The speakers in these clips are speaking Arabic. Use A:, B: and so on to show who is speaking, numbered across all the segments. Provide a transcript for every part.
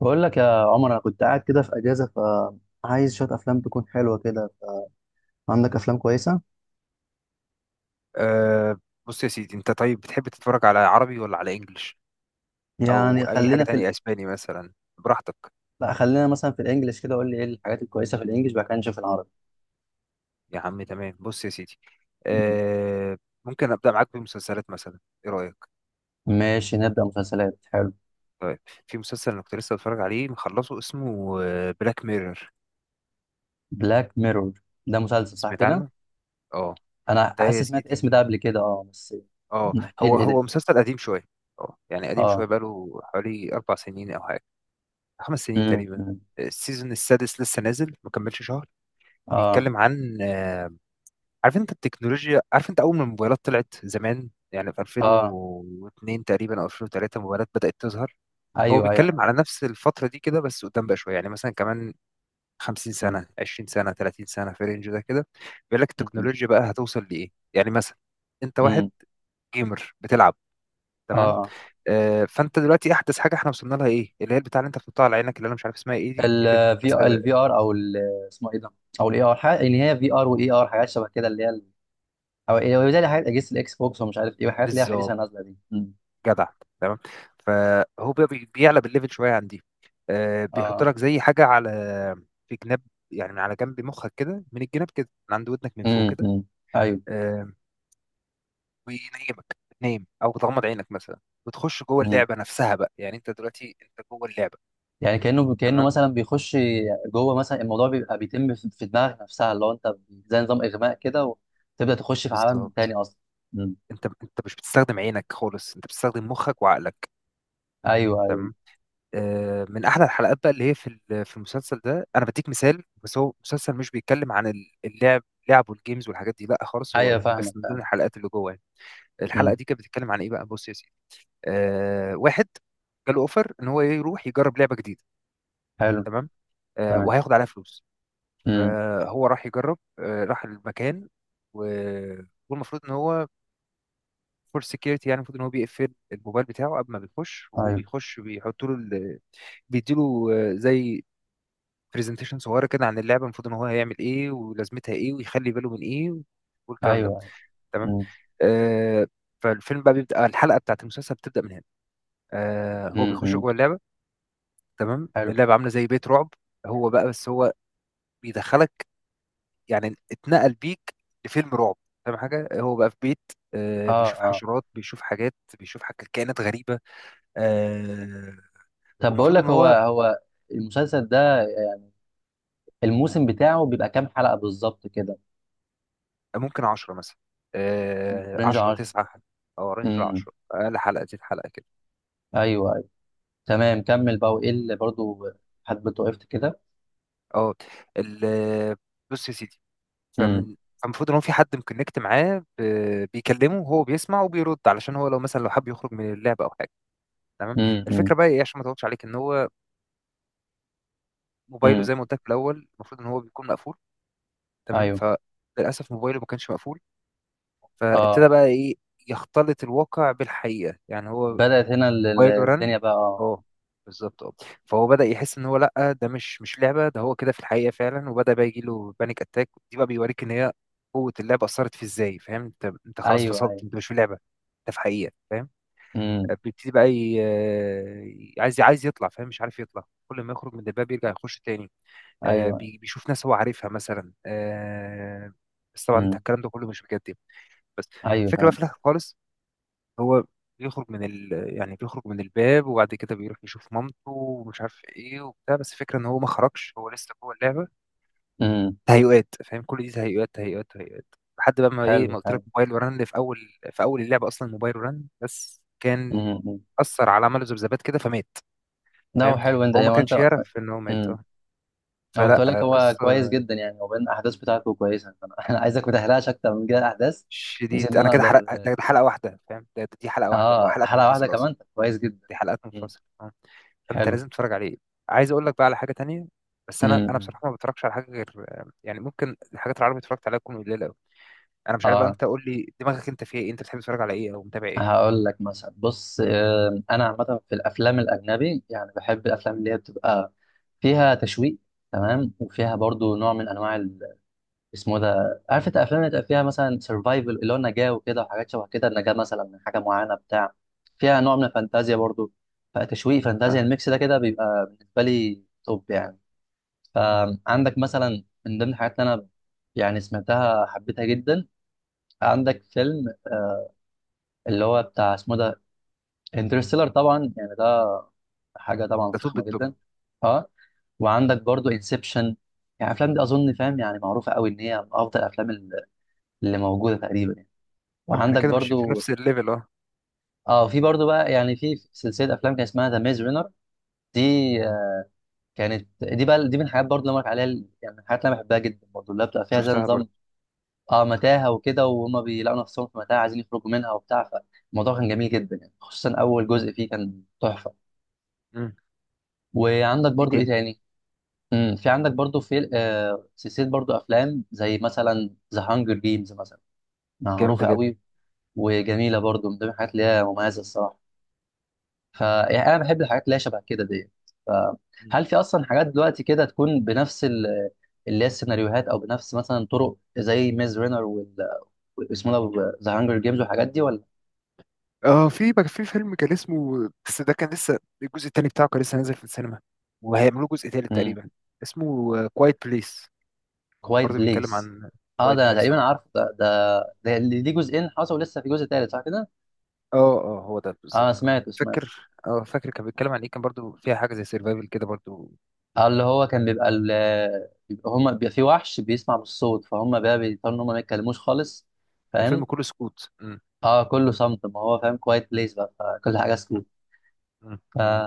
A: بقول لك يا عمر، انا كنت قاعد كده في اجازه، فعايز شويه افلام تكون حلوه كده. عندك افلام كويسه؟
B: أه. بص يا سيدي، انت طيب بتحب تتفرج على عربي ولا على انجليش، او
A: يعني
B: اي حاجة
A: خلينا في
B: تانية اسباني مثلا؟ براحتك.
A: لا، خلينا مثلا في الانجليش كده، قول لي ايه الحاجات الكويسه في الانجليش، بعد كده نشوف العربي.
B: يا عم تمام. بص يا سيدي، أه ممكن ابدأ معاك بمسلسلات مثلا؟ ايه رأيك؟
A: ماشي، نبدا مسلسلات. حلو.
B: طيب. في مسلسل انا كنت لسه بتفرج عليه مخلصه، اسمه بلاك ميرور.
A: بلاك ميرور، ده مسلسل صح
B: سمعت
A: كده؟
B: عنه. اه،
A: انا
B: ده
A: حاسس
B: يا
A: سمعت
B: سيدي،
A: الاسم ده قبل كده، اه، بس.
B: اه
A: احكي لي
B: هو
A: ايه
B: هو
A: ده.
B: مسلسل قديم شوية. اه يعني قديم
A: اه.
B: شوية، بقاله حوالي 4 سنين او حاجة، 5 سنين تقريبا.
A: امم.
B: السيزون السادس لسه نازل ما كملش شهر.
A: اه،
B: بيتكلم عن عارف انت التكنولوجيا، عارف انت اول ما الموبايلات طلعت زمان، يعني في
A: اه.
B: 2002 تقريبا او 2003، موبايلات بدأت تظهر. هو
A: ايوه، ايوه.
B: بيتكلم على نفس الفترة دي كده، بس قدام بقى شوية، يعني مثلا كمان 50
A: امم،
B: سنة، 20 سنة، 30 سنة، في الرينج ده كده. بيقول لك التكنولوجيا بقى هتوصل لإيه، يعني مثلا انت واحد
A: امم.
B: جيمر بتلعب، تمام.
A: اه.
B: فانت دلوقتي احدث حاجة احنا وصلنا لها ايه، اللي هي البتاع اللي انت بتحطها على عينك، اللي انا مش عارف اسمها ايه دي، اللي
A: الفي
B: بتلبسها.
A: الفي ار اسمه ايه ده؟ او الاي ار حاجه، يعني هي في ار واي ار، حاجات شبه كده او إيه، زي حاجات اجهزه الاكس بوكس ومش عارف ايه، وحاجات اللي هي الحديثه
B: بالظبط،
A: نازله دي.
B: جدع، تمام. فهو بقى بيعلى بالليفل شويه عن دي. بيحط
A: اه.
B: لك زي حاجه على في جناب، يعني من على جنب مخك كده، من الجناب كده، من عند ودنك، من فوق
A: امم،
B: كده.
A: امم. ايوه.
B: آه، وينيمك تنام او تغمض عينك مثلا، وتخش جوه
A: امم.
B: اللعبه نفسها بقى، يعني انت دلوقتي انت جوه اللعبه،
A: يعني كانه
B: تمام.
A: مثلا بيخش جوه مثلا، الموضوع بيبقى بيتم في دماغك نفسها، اللي هو انت، زي نظام اغماء كده، وتبدا تخش في عالم تاني
B: بالظبط.
A: اصلا. امم.
B: انت مش بتستخدم عينك خالص، انت بتستخدم مخك وعقلك،
A: ايوه، ايوه.
B: تمام. من احلى الحلقات بقى اللي هي في المسلسل ده، انا بديك مثال، بس هو مسلسل مش بيتكلم عن اللعب، لعب والجيمز والحاجات دي، لا خالص، هو
A: ايوه،
B: دي
A: فاهمك،
B: بس من ضمن
A: فاهم.
B: الحلقات اللي جوه يعني. الحلقه
A: امم.
B: دي كانت بتتكلم عن ايه بقى؟ بص يا سيدي، واحد جاله اوفر ان هو يروح يجرب لعبه جديده،
A: حلو.
B: تمام.
A: تمام.
B: وهياخد عليها فلوس.
A: امم.
B: فهو راح يجرب، راح المكان، و- والمفروض ان هو فور سكيورتي، يعني المفروض ان هو بيقفل الموبايل بتاعه قبل ما بيخش، وهو
A: ايوه،
B: بيخش بيحط له بيديله زي برزنتيشن صغيره كده عن اللعبه، المفروض ان هو هيعمل ايه، ولازمتها ايه، ويخلي باله من ايه، والكلام ده،
A: ايوه، ايوه.
B: تمام.
A: امم،
B: آه فالفيلم بقى بيبدا، الحلقه بتاعت المسلسل بتبدا من هنا. هو بيخش
A: امم.
B: جوه اللعبه، تمام.
A: حلو.
B: اللعبه عامله زي بيت رعب. هو بقى بس هو بيدخلك، يعني اتنقل بيك لفيلم رعب، فاهم حاجه، هو بقى في بيت،
A: اه،
B: بيشوف
A: اه.
B: حشرات، بيشوف حاجات، بيشوف حاجات كائنات غريبه. آه
A: طب بقول
B: والمفروض ان
A: لك، هو
B: هو
A: هو المسلسل ده، الموسم بتاعه بيبقى كام حلقة بالظبط كده؟
B: ممكن 10 مثلا،
A: رينج
B: 10،
A: 10.
B: 9، أو رينج
A: امم.
B: 10، أقل حلقة دي الحلقة كده.
A: ايوه، ايوه. تمام، كمل بقى. وايه اللي برضه حد وقفت كده؟
B: اه ال- بص يا سيدي،
A: امم.
B: فمن فالمفروض ان هو في حد مكونكت معاه، بيكلمه وهو بيسمع وبيرد، علشان هو لو مثلا لو حب يخرج من اللعبه او حاجه، تمام.
A: امم،
B: الفكره بقى ايه، عشان ما اطولش عليك، ان هو موبايله
A: امم.
B: زي ما قلت لك في الاول المفروض ان هو بيكون مقفول، تمام.
A: ايوه،
B: فللاسف موبايله ما كانش مقفول، فابتدى
A: اه.
B: بقى ايه، يختلط الواقع بالحقيقه، يعني هو
A: بدأت هنا
B: موبايل ورن،
A: الدنيا بقى، اه.
B: اه، بالظبط، اه. فهو بدأ يحس ان هو لا ده مش لعبة، ده هو كده في الحقيقة فعلا، وبدأ بقى يجي له بانيك اتاك. دي بقى بيوريك ان هي قوة اللعبة أثرت في ازاي، فاهم؟ انت خلاص
A: ايوه،
B: فصلت،
A: ايوه.
B: انت مش في لعبة، انت في حقيقة، فاهم؟
A: امم.
B: بيبتدي بقى عايز يطلع، فاهم، مش عارف يطلع، كل ما يخرج من الباب يرجع يخش تاني.
A: ايوه.
B: بيشوف ناس هو عارفها مثلا، بس طبعا انت
A: امم.
B: الكلام ده كله مش بجد يعني. بس
A: ايوه،
B: الفكرة بقى
A: فاهم.
B: في الآخر خالص، هو بيخرج من يعني بيخرج من الباب، وبعد كده بيروح يشوف مامته ومش عارف ايه وبتاع، بس الفكره ان هو ما خرجش، هو لسه جوه اللعبه.
A: امم.
B: تهيؤات، فاهم، كل دي تهيؤات، تهيؤات، تهيؤات. لحد بقى ما، ايه،
A: حلو،
B: ما قلت
A: حلو.
B: لك موبايل ورن اللي في اول اللعبه اصلا، موبايل ورن بس كان
A: امم.
B: اثر على، عمله ذبذبات كده فمات،
A: ده هو
B: فاهم.
A: حلو انت
B: هو ما
A: يعني، انت.
B: كانش يعرف ان هو مات، اه،
A: هو كنت
B: فلا،
A: اقول لك، هو
B: قصه.
A: كويس جدا يعني، هو بين الاحداث بتاعته كويسه، فانا أنا عايزك ما تحرقش اكتر من كده الاحداث، بحيث
B: شديد،
A: ان
B: انا
A: انا
B: كده حرق
A: اقدر.
B: ده حلقه واحده، فاهم، دي حلقه واحده، هو
A: اه،
B: حلقات
A: حلقه واحده
B: منفصله اصلا.
A: كمان، طب كويس جدا.
B: دي حلقات
A: مم.
B: منفصله آه. فانت
A: حلو.
B: لازم تتفرج عليه. عايز اقول لك بقى على حاجه تانية، بس انا
A: امم.
B: بصراحه ما بتفرجش على حاجه غير يعني، ممكن الحاجات العربي اتفرجت عليها تكون قليله قوي. انا مش عارف بقى،
A: اه.
B: انت قول لي دماغك انت فيها ايه، انت بتحب تتفرج على ايه او متابع ايه؟
A: هقول لك مثلا، بص، انا عامه في الافلام الاجنبي يعني بحب الافلام اللي هي بتبقى فيها تشويق. تمام. وفيها برضو نوع من انواع، اسمه ده، عارف انت، افلام اللي تبقى فيها مثلا سرفايفل، اللي هو النجاه وكده، وحاجات شبه كده، النجاه مثلا من حاجه معينه بتاع فيها نوع من الفانتازيا برضو. فتشويق،
B: اه.
A: فانتازيا، الميكس ده كده بيبقى بالنسبه لي توب يعني.
B: مم.
A: فعندك مثلا من ضمن الحاجات اللي انا يعني سمعتها، حبيتها جدا. عندك فيلم اللي هو بتاع اسمه ده، انترستيلر، طبعا يعني ده حاجه طبعا
B: ده توب
A: فخمه
B: التوب.
A: جدا. اه. وعندك برضو انسبشن. يعني الافلام دي اظن فاهم، يعني معروفه قوي ان هي من افضل الافلام اللي موجوده تقريبا.
B: طب ما احنا
A: وعندك
B: كده ماشيين في
A: برضو،
B: نفس الليفل، اه.
A: اه، في برضو بقى يعني في سلسله افلام كان اسمها ذا ميز رينر. دي، آه، كانت دي بقى، دي من الحاجات برضو اللي أنا بقولك عليها، يعني من الحاجات اللي انا بحبها جدا برضو، اللي بتبقى فيها زي
B: شفتها برضه.
A: نظام، اه متاهه وكده، وهم بيلاقوا نفسهم في متاهه عايزين يخرجوا منها وبتاع. فالموضوع كان جميل جدا يعني، خصوصا اول
B: مم.
A: جزء فيه كان تحفه.
B: مم.
A: وعندك
B: ايه
A: برضو، ايه
B: تاني.
A: تاني؟ امم، في عندك برضو في سلسله برضو افلام زي مثلا ذا هانجر جيمز مثلا،
B: جامده
A: معروفه
B: جدا.
A: قوي وجميله برضو، من ضمن الحاجات اللي هي مميزه الصراحه. ف يعني انا بحب الحاجات اللي هي شبه كده ديت.
B: مم.
A: فهل في اصلا حاجات دلوقتي كده تكون بنفس اللي هي السيناريوهات، او بنفس مثلا طرق زي ميز رينر اسمه ده، ذا هانجر جيمز، والحاجات دي ولا؟
B: اه، في بقى في فيلم كان اسمه، بس ده كان لسه الجزء التاني بتاعه كان لسه نازل في السينما، وهيعملوا جزء تالت
A: امم.
B: تقريبا، اسمه كوايت بليس.
A: كوايت
B: برضه بيتكلم
A: بليس.
B: عن
A: اه، ده
B: كوايت
A: أنا
B: بليس،
A: تقريبا عارف ده. ده اللي ليه جزئين حصل ولسه في جزء تالت صح كده؟
B: اه اه، هو ده
A: اه،
B: بالظبط، اه.
A: سمعته، سمعت.
B: فاكر كان بيتكلم عن ايه، كان برضو فيها حاجه زي سيرفايفل كده برضو.
A: اللي هو كان بيبقى بيبقى هما بيبقى في وحش بيسمع بالصوت، فهم بقى بيضطروا ان هم ما يتكلموش خالص، فاهم.
B: الفيلم كله سكوت. مم.
A: اه، كله صمت، ما هو فاهم كوايت بليس بقى، فكل حاجه
B: مم.
A: سكوت.
B: مم.
A: ف-
B: مم.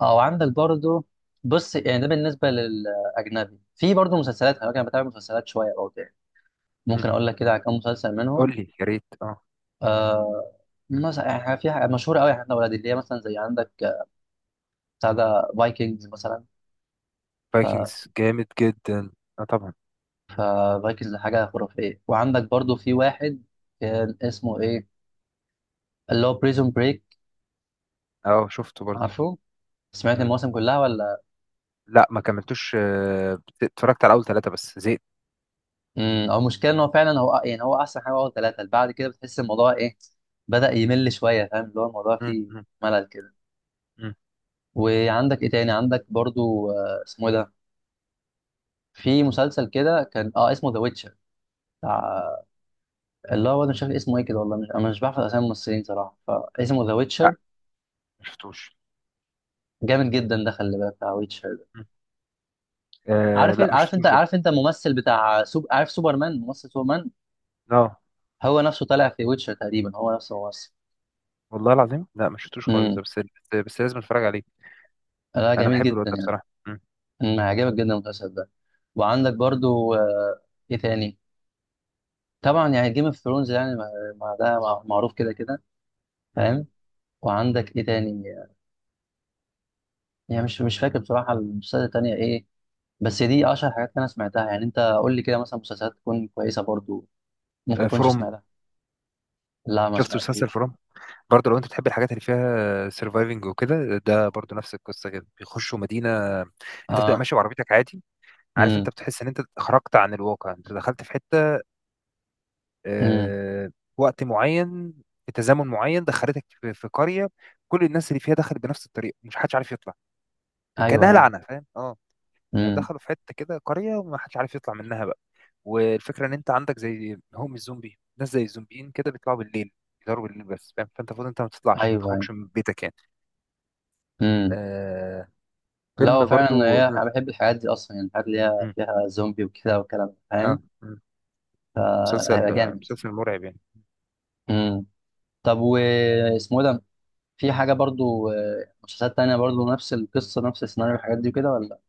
A: اه وعندك برضو، بص يعني ده بالنسبه للاجنبي، في برضو مسلسلات، خلي بالك انا بتابع مسلسلات شويه برضو يعني،
B: مم.
A: ممكن اقول لك كده على كام مسلسل
B: قول
A: منهم.
B: لي يا ريت، اه.
A: آه مثلا يعني، في حاجة مشهوره قوي احنا اولاد، اللي هي مثلا زي عندك، بتاع ده فايكنجز مثلا. ف
B: فايكنجز جامد جدا، اه طبعا.
A: ففايكنجز حاجه خرافيه. وعندك برضو في واحد كان اسمه ايه، اللي هو بريزون بريك،
B: اه شفته برضو.
A: عارفه؟ سمعت
B: مم.
A: المواسم كلها ولا؟
B: لا ما كملتوش، اتفرجت على اول ثلاثه بس زهقت.
A: امم، هو المشكله ان هو فعلا، هو يعني هو احسن حاجه هو ثلاثه، بعد كده بتحس الموضوع ايه، بدا يمل شويه، فاهم؟ اللي هو الموضوع
B: مم.
A: فيه
B: مم.
A: ملل كده.
B: مم.
A: وعندك ايه تاني؟ عندك برضو، اسمه إيه ده، في مسلسل كده كان، اسمه ذا ويتشر، بتاع، اللي هو انا مش فاكر اسمه ايه كده، والله مش، انا مش بعرف اسامي الممثلين صراحه. فاسمه ذا
B: لا
A: ويتشر،
B: ما شفتوش.
A: جامد جدا ده، خلي بالك بتاع ويتشر ده.
B: مم. لا ما
A: عارف انت
B: شفتوش ده،
A: عارف انت الممثل بتاع عارف سوبرمان، ممثل سوبرمان،
B: اه،
A: هو نفسه طالع في ويتشر تقريبا، هو نفسه ممثل.
B: والله العظيم لا ما شفتوش خالص
A: امم.
B: ده، بس لازم اتفرج عليه.
A: لا،
B: انا
A: جميل
B: بحب الواد
A: جدا
B: ده
A: يعني.
B: بصراحه. مم.
A: هيعجبك جدا المسلسل ده. وعندك برضو، ايه تاني؟ طبعا يعني جيم اوف ثرونز، يعني ما ده معروف كده كده،
B: مم.
A: فاهم. وعندك ايه تاني؟ يعني مش فاكر بصراحة المسلسلات التانية ايه، بس دي اشهر حاجات انا سمعتها يعني. انت قول لي كده مثلا مسلسلات تكون كويسة برضو، ممكن كنتش
B: فروم.
A: سمعتها. لا، ما
B: شفت مسلسل
A: سمعتهوش.
B: فروم؟ برضه لو انت بتحب الحاجات اللي فيها سيرفايفنج وكده، ده برضه نفس القصه كده، بيخشوا مدينه، انت بتبقى
A: اه.
B: ماشي بعربيتك عادي، عارف، انت
A: امم،
B: بتحس ان انت خرجت عن الواقع، انت دخلت في حته،
A: امم.
B: آه، وقت معين، في تزامن معين دخلتك في قريه، كل الناس اللي فيها دخلت بنفس الطريقه، مش حدش عارف يطلع،
A: ايوه،
B: كانها
A: ايوه.
B: لعنه، فاهم، اه.
A: امم.
B: دخلوا في حته كده قريه، وما حدش عارف يطلع منها بقى. والفكره ان انت عندك زي هم الزومبي، ناس زي الزومبيين كده بيطلعوا بالليل، بيضربوا بالليل بس، فاهم، فانت المفروض انت ما تطلعش، ما
A: ايوه، ايوه.
B: تخرجش من بيتك يعني.
A: امم.
B: آه،
A: لا، هو
B: فيلم
A: فعلا
B: برضو.
A: هي انا بحب الحاجات دي اصلا يعني، الحاجات اللي هي
B: مم.
A: فيها زومبي وكده والكلام ده،
B: اه.
A: فاهم.
B: مم. مسلسل
A: فهيبقى
B: آه،
A: جامد.
B: مسلسل مرعب يعني.
A: طب واسمه إيه ده؟ في حاجة برضو، مسلسلات تانية برضو نفس القصة، نفس السيناريو، الحاجات دي كده ولا؟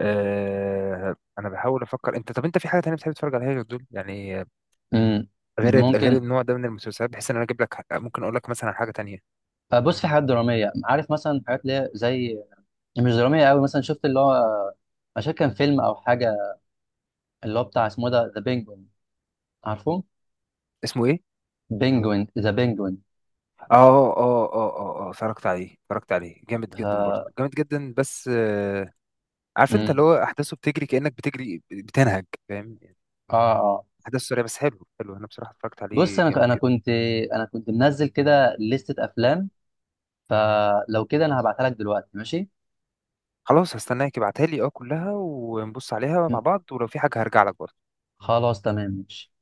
B: انا بحاول افكر، انت طب انت في حاجه تانية بتحب تتفرج عليها غير دول يعني،
A: امم.
B: غير
A: ممكن،
B: النوع ده من المسلسلات، بحيث ان انا اجيب لك ممكن اقول لك مثلا على حاجه تانية.
A: بص، في حاجات درامية، عارف مثلا حاجات اللي هي زي، مش درامية قوي مثلا، شفت اللي هو عشان كان فيلم أو حاجة، اللي هو بتاع اسمه إيه ده، ذا بينجوين، عارفه؟
B: اسمه ايه؟
A: بينجوين، ذا بينجوين.
B: اه، اه، اه، اه، اه، اتفرجت عليه جامد
A: ف
B: جدا، برضه جامد جدا بس، عارف انت، اللي
A: امم.
B: هو احداثه بتجري، كانك بتجري بتنهج، فاهم يعني؟
A: اه، اه.
B: احداث سريعه بس، حلو، حلو، انا بصراحه اتفرجت
A: بص،
B: عليه
A: انا
B: جامد
A: انا
B: جدا.
A: كنت، انا كنت منزل كده لستة افلام، فلو كده انا هبعتها لك دلوقتي، ماشي؟
B: خلاص، هستناك ابعتها لي كلها، ونبص عليها
A: مم.
B: مع بعض، ولو في حاجه هرجع لك برضه.
A: خلاص، تمام، ماشي.